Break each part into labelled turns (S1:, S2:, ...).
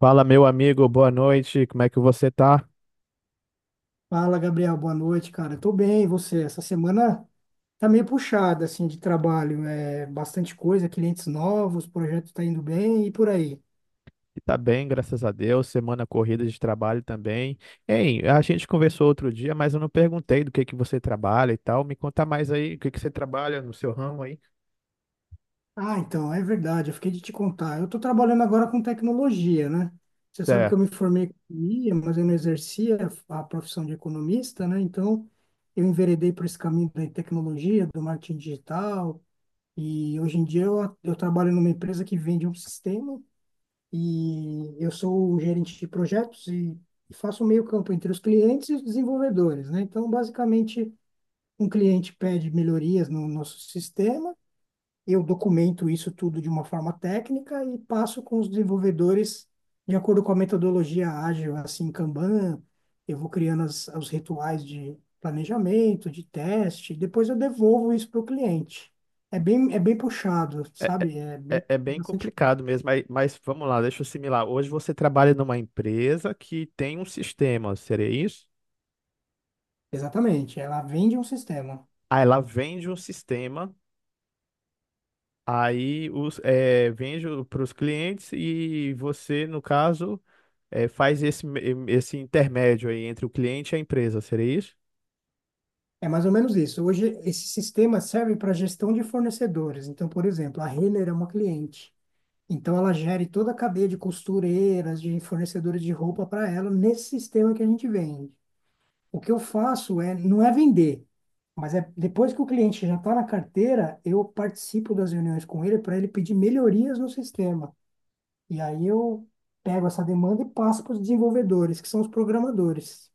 S1: Fala, meu amigo, boa noite. Como é que você tá?
S2: Fala, Gabriel, boa noite, cara. Tô bem, e você? Essa semana tá meio puxada, assim, de trabalho. É bastante coisa, clientes novos, projeto tá indo bem e por aí.
S1: Tá bem, graças a Deus. Semana corrida de trabalho também. Hein, a gente conversou outro dia, mas eu não perguntei do que você trabalha e tal. Me conta mais aí, o que que você trabalha no seu ramo aí?
S2: Ah, então, é verdade, eu fiquei de te contar. Eu tô trabalhando agora com tecnologia, né? Você sabe que eu
S1: Certo.
S2: me formei em economia, mas eu não exercia a profissão de economista, né? Então, eu enveredei por esse caminho da tecnologia, do marketing digital, e hoje em dia eu trabalho numa empresa que vende um sistema e eu sou o gerente de projetos e faço o meio-campo entre os clientes e os desenvolvedores, né? Então, basicamente, um cliente pede melhorias no nosso sistema, eu documento isso tudo de uma forma técnica e passo com os desenvolvedores de acordo com a metodologia ágil, assim, Kanban, eu vou criando as, os rituais de planejamento, de teste, e depois eu devolvo isso para o cliente. É bem puxado,
S1: É, é,
S2: sabe? É bem
S1: é bem
S2: bastante coisa.
S1: complicado mesmo, mas vamos lá, deixa eu assimilar. Hoje você trabalha numa empresa que tem um sistema, seria isso?
S2: Exatamente, ela vende um sistema.
S1: Aí ela vende um sistema, aí os, é, vende para os clientes e você, no caso, é, faz esse, esse intermédio aí entre o cliente e a empresa, seria isso?
S2: É mais ou menos isso. Hoje, esse sistema serve para gestão de fornecedores. Então, por exemplo, a Renner é uma cliente. Então, ela gere toda a cadeia de costureiras, de fornecedores de roupa para ela nesse sistema que a gente vende. O que eu faço é, não é vender, mas é depois que o cliente já está na carteira, eu participo das reuniões com ele para ele pedir melhorias no sistema. E aí eu pego essa demanda e passo para os desenvolvedores, que são os programadores.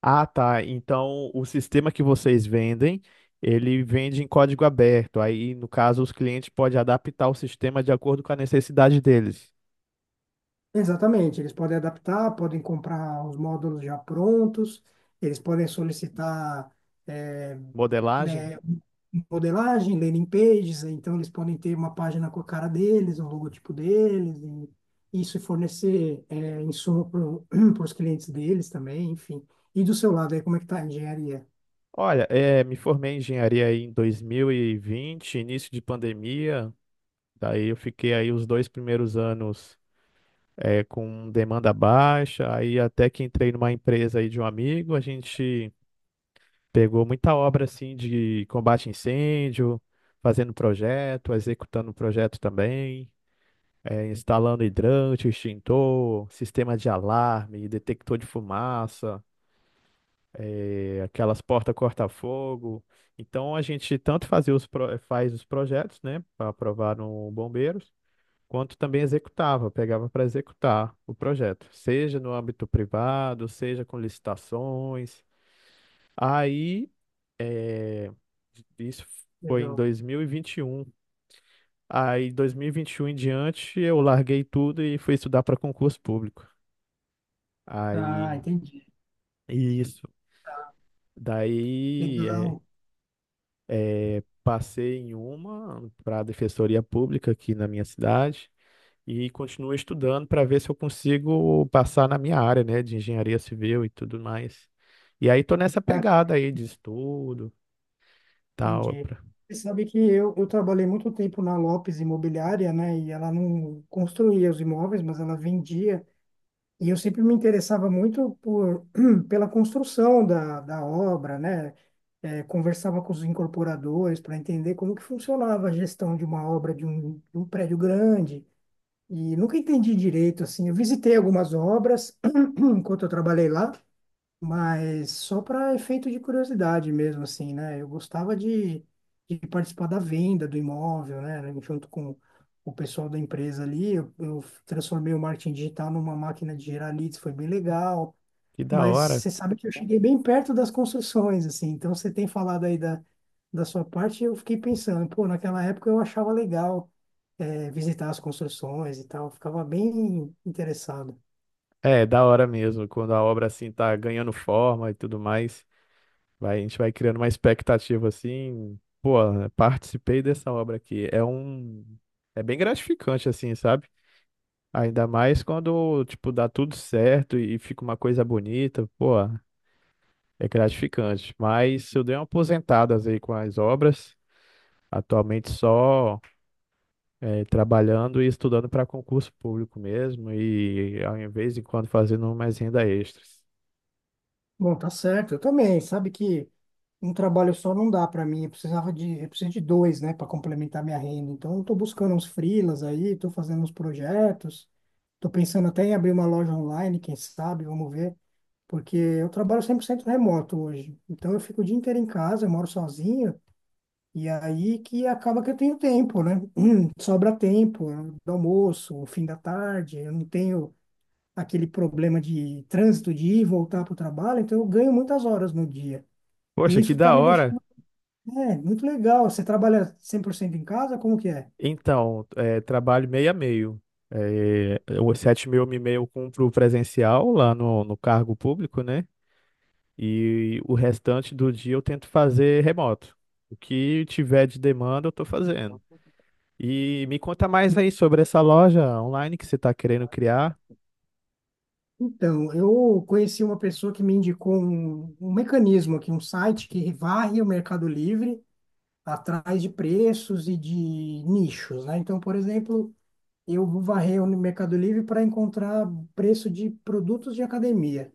S1: Ah, tá. Então o sistema que vocês vendem, ele vende em código aberto. Aí, no caso, os clientes podem adaptar o sistema de acordo com a necessidade deles.
S2: Exatamente, eles podem adaptar, podem comprar os módulos já prontos, eles podem solicitar eh,
S1: Modelagem?
S2: né, modelagem, landing pages, então eles podem ter uma página com a cara deles, o logotipo deles, e isso fornecer insumo para os clientes deles também, enfim. E do seu lado aí, como é que tá a engenharia?
S1: Olha, me formei em engenharia aí em 2020, início de pandemia. Daí eu fiquei aí os dois primeiros anos com demanda baixa. Aí até que entrei numa empresa aí de um amigo, a gente pegou muita obra assim de combate a incêndio, fazendo projeto, executando projeto também, instalando hidrante, extintor, sistema de alarme, detector de fumaça, aquelas portas corta-fogo. Então a gente tanto faz os projetos, né, para aprovar no Bombeiros, quanto também executava, pegava para executar o projeto, seja no âmbito privado, seja com licitações. Aí isso foi em
S2: Legal.
S1: dois mil e vinte e um. Aí dois mil e vinte e um em diante eu larguei tudo e fui estudar para concurso público.
S2: Ah,
S1: Aí
S2: entendi.
S1: isso.
S2: Tá,
S1: Daí é,
S2: legal.
S1: é, passei em uma para a Defensoria Pública aqui na minha cidade e continuo estudando para ver se eu consigo passar na minha área, né, de engenharia civil e tudo mais. E aí tô nessa
S2: Ah,
S1: pegada aí de estudo, tal,
S2: entendi.
S1: pra-
S2: Você sabe que eu trabalhei muito tempo na Lopes Imobiliária, né? E ela não construía os imóveis, mas ela vendia. E eu sempre me interessava muito por, pela construção da obra, né? Conversava com os incorporadores para entender como que funcionava a gestão de uma obra de um prédio grande. E nunca entendi direito, assim. Eu visitei algumas obras enquanto eu trabalhei lá, mas só para efeito de curiosidade mesmo, assim, né? Eu gostava de participar da venda do imóvel, né? Junto com o pessoal da empresa ali, eu transformei o marketing digital numa máquina de gerar leads, foi bem legal.
S1: que da
S2: Mas
S1: hora.
S2: você sabe que eu cheguei bem perto das construções, assim. Então você tem falado aí da sua parte, eu fiquei pensando, pô, naquela época eu achava legal, visitar as construções e tal, eu ficava bem interessado.
S1: É, da hora mesmo, quando a obra assim tá ganhando forma e tudo mais. Vai, a gente vai criando uma expectativa assim, pô, participei dessa obra aqui. É um, é bem gratificante assim, sabe? Ainda mais quando, tipo, dá tudo certo e fica uma coisa bonita, pô, é gratificante. Mas eu dei uma aposentada aí com as obras, atualmente só trabalhando e estudando para concurso público mesmo e ao invés de quando fazendo mais renda extras.
S2: Bom, tá certo, eu também. Sabe que um trabalho só não dá para mim, eu preciso de dois, né, para complementar minha renda. Então, eu tô buscando uns freelas aí, tô fazendo uns projetos, tô pensando até em abrir uma loja online, quem sabe, vamos ver, porque eu trabalho 100% remoto hoje. Então, eu fico o dia inteiro em casa, eu moro sozinho, e aí que acaba que eu tenho tempo, né? Sobra tempo, né, do almoço, o fim da tarde, eu não tenho aquele problema de trânsito de ir e voltar para o trabalho, então eu ganho muitas horas no dia. E
S1: Poxa, que
S2: isso está
S1: da
S2: me
S1: hora!
S2: deixando, muito legal. Você trabalha 100% em casa? Como que é?
S1: Então, é, trabalho meio a meio. É, os 7 mil eu me meio cumpro presencial lá no cargo público, né? E o restante do dia eu tento fazer remoto. O que tiver de demanda eu tô fazendo. E me conta mais aí sobre essa loja online que você tá querendo criar.
S2: Então, eu conheci uma pessoa que me indicou um mecanismo aqui, um site que varre o Mercado Livre atrás de preços e de nichos, né? Então, por exemplo, eu vou varrer o Mercado Livre para encontrar preço de produtos de academia.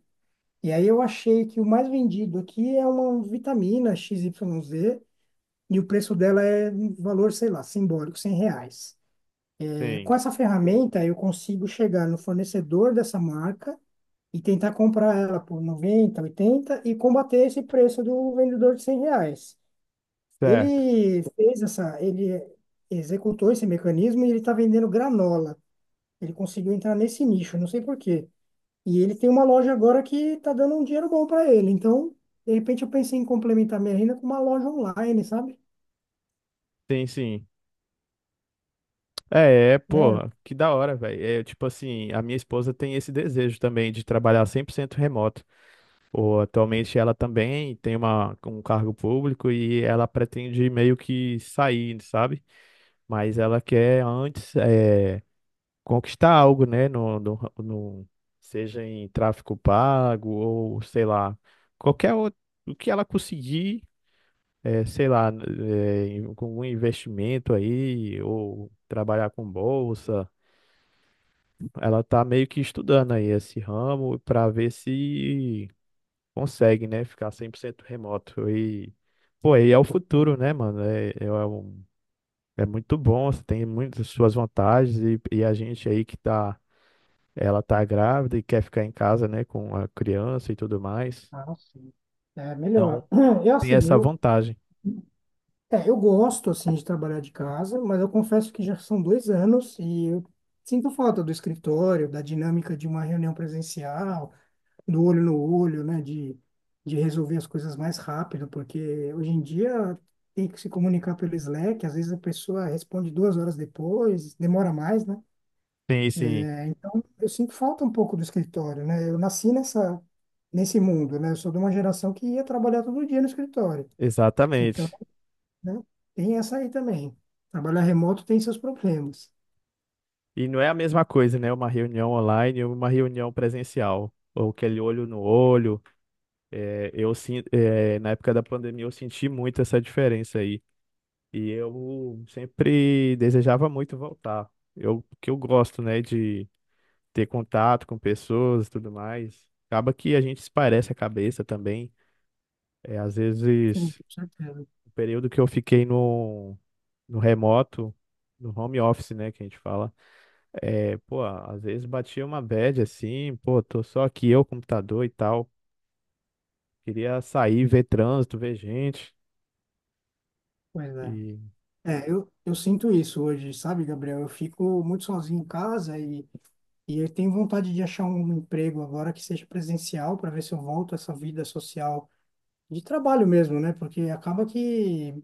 S2: E aí eu achei que o mais vendido aqui é uma vitamina x Y z e o preço dela é um valor, sei lá, simbólico, R$ 100. É,
S1: Sim,
S2: com essa ferramenta, eu consigo chegar no fornecedor dessa marca e tentar comprar ela por 90 80 e combater esse preço do vendedor de R$ 100.
S1: certo.
S2: Ele executou esse mecanismo e ele está vendendo granola. Ele conseguiu entrar nesse nicho, não sei por quê. E ele tem uma loja agora que está dando um dinheiro bom para ele. Então, de repente, eu pensei em complementar minha renda com uma loja online, sabe?
S1: Sim, sim. Pô,
S2: Né?
S1: que da hora, velho. É tipo assim, a minha esposa tem esse desejo também de trabalhar 100% remoto. Pô, atualmente ela também tem uma, um cargo público e ela pretende meio que sair, sabe? Mas ela quer antes conquistar algo, né? Seja em tráfico pago ou sei lá, qualquer outro, o que ela conseguir, sei lá, com um investimento aí ou trabalhar com bolsa, ela tá meio que estudando aí esse ramo para ver se consegue, né, ficar 100% remoto e pô, e é o futuro, né, mano? É muito bom, você tem muitas suas vantagens e a gente aí que tá, ela tá grávida e quer ficar em casa, né, com a criança e tudo mais.
S2: Ah, sim. É
S1: Então,
S2: melhor. Eu,
S1: tem
S2: assim,
S1: essa
S2: eu,
S1: vantagem.
S2: eu gosto, assim, de trabalhar de casa, mas eu confesso que já são 2 anos e eu sinto falta do escritório, da dinâmica de uma reunião presencial, do olho no olho, né, de resolver as coisas mais rápido, porque hoje em dia tem que se comunicar pelo Slack, às vezes a pessoa responde 2 horas depois, demora mais, né?
S1: Sim, sim,
S2: É, então, eu sinto falta um pouco do escritório, né? Eu nasci nesse mundo, né? Eu sou de uma geração que ia trabalhar todo dia no escritório. Então,
S1: exatamente.
S2: né, tem essa aí também. Trabalhar remoto tem seus problemas.
S1: E não é a mesma coisa, né? Uma reunião online ou uma reunião presencial. Ou aquele olho no olho. É, é, na época da pandemia eu senti muito essa diferença aí. E eu sempre desejava muito voltar. Eu que eu gosto, né, de ter contato com pessoas e tudo mais. Acaba que a gente esparece a cabeça também. É, às
S2: Sim,
S1: vezes,
S2: com certeza.
S1: o período que eu fiquei no remoto, no home office, né, que a gente fala, é, pô, às vezes batia uma bad assim, pô, tô só aqui eu, computador e tal. Queria sair, ver trânsito, ver gente.
S2: Pois é.
S1: E,
S2: É, eu sinto isso hoje, sabe, Gabriel? Eu fico muito sozinho em casa e eu tenho vontade de achar um emprego agora que seja presencial para ver se eu volto a essa vida social de trabalho mesmo, né? Porque acaba que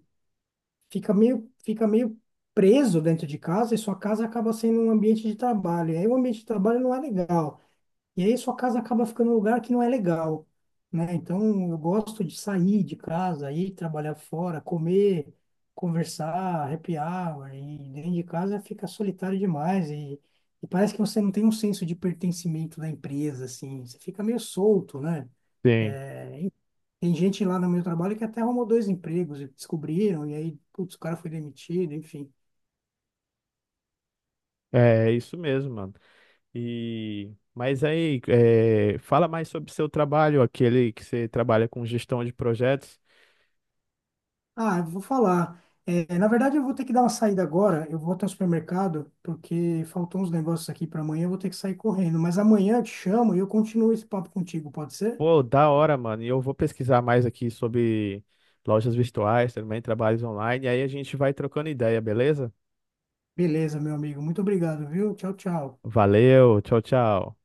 S2: fica meio preso dentro de casa e sua casa acaba sendo um ambiente de trabalho. E aí o ambiente de trabalho não é legal. E aí sua casa acaba ficando um lugar que não é legal, né? Então eu gosto de sair de casa, ir trabalhar fora, comer, conversar, happy hour, e dentro de casa fica solitário demais e parece que você não tem um senso de pertencimento da empresa, assim, você fica meio solto, né?
S1: sim,
S2: É, e tem gente lá no meu trabalho que até arrumou dois empregos e descobriram, e aí, putz, o cara foi demitido, enfim.
S1: é isso mesmo, mano. E mas aí, é, fala mais sobre o seu trabalho, aquele que você trabalha com gestão de projetos.
S2: Ah, eu vou falar. É, na verdade, eu vou ter que dar uma saída agora. Eu vou até o supermercado, porque faltam uns negócios aqui para amanhã. Eu vou ter que sair correndo. Mas amanhã eu te chamo e eu continuo esse papo contigo, pode ser?
S1: Pô, da hora, mano. E eu vou pesquisar mais aqui sobre lojas virtuais, também trabalhos online. E aí a gente vai trocando ideia, beleza?
S2: Beleza, meu amigo. Muito obrigado, viu? Tchau, tchau.
S1: Valeu, tchau, tchau.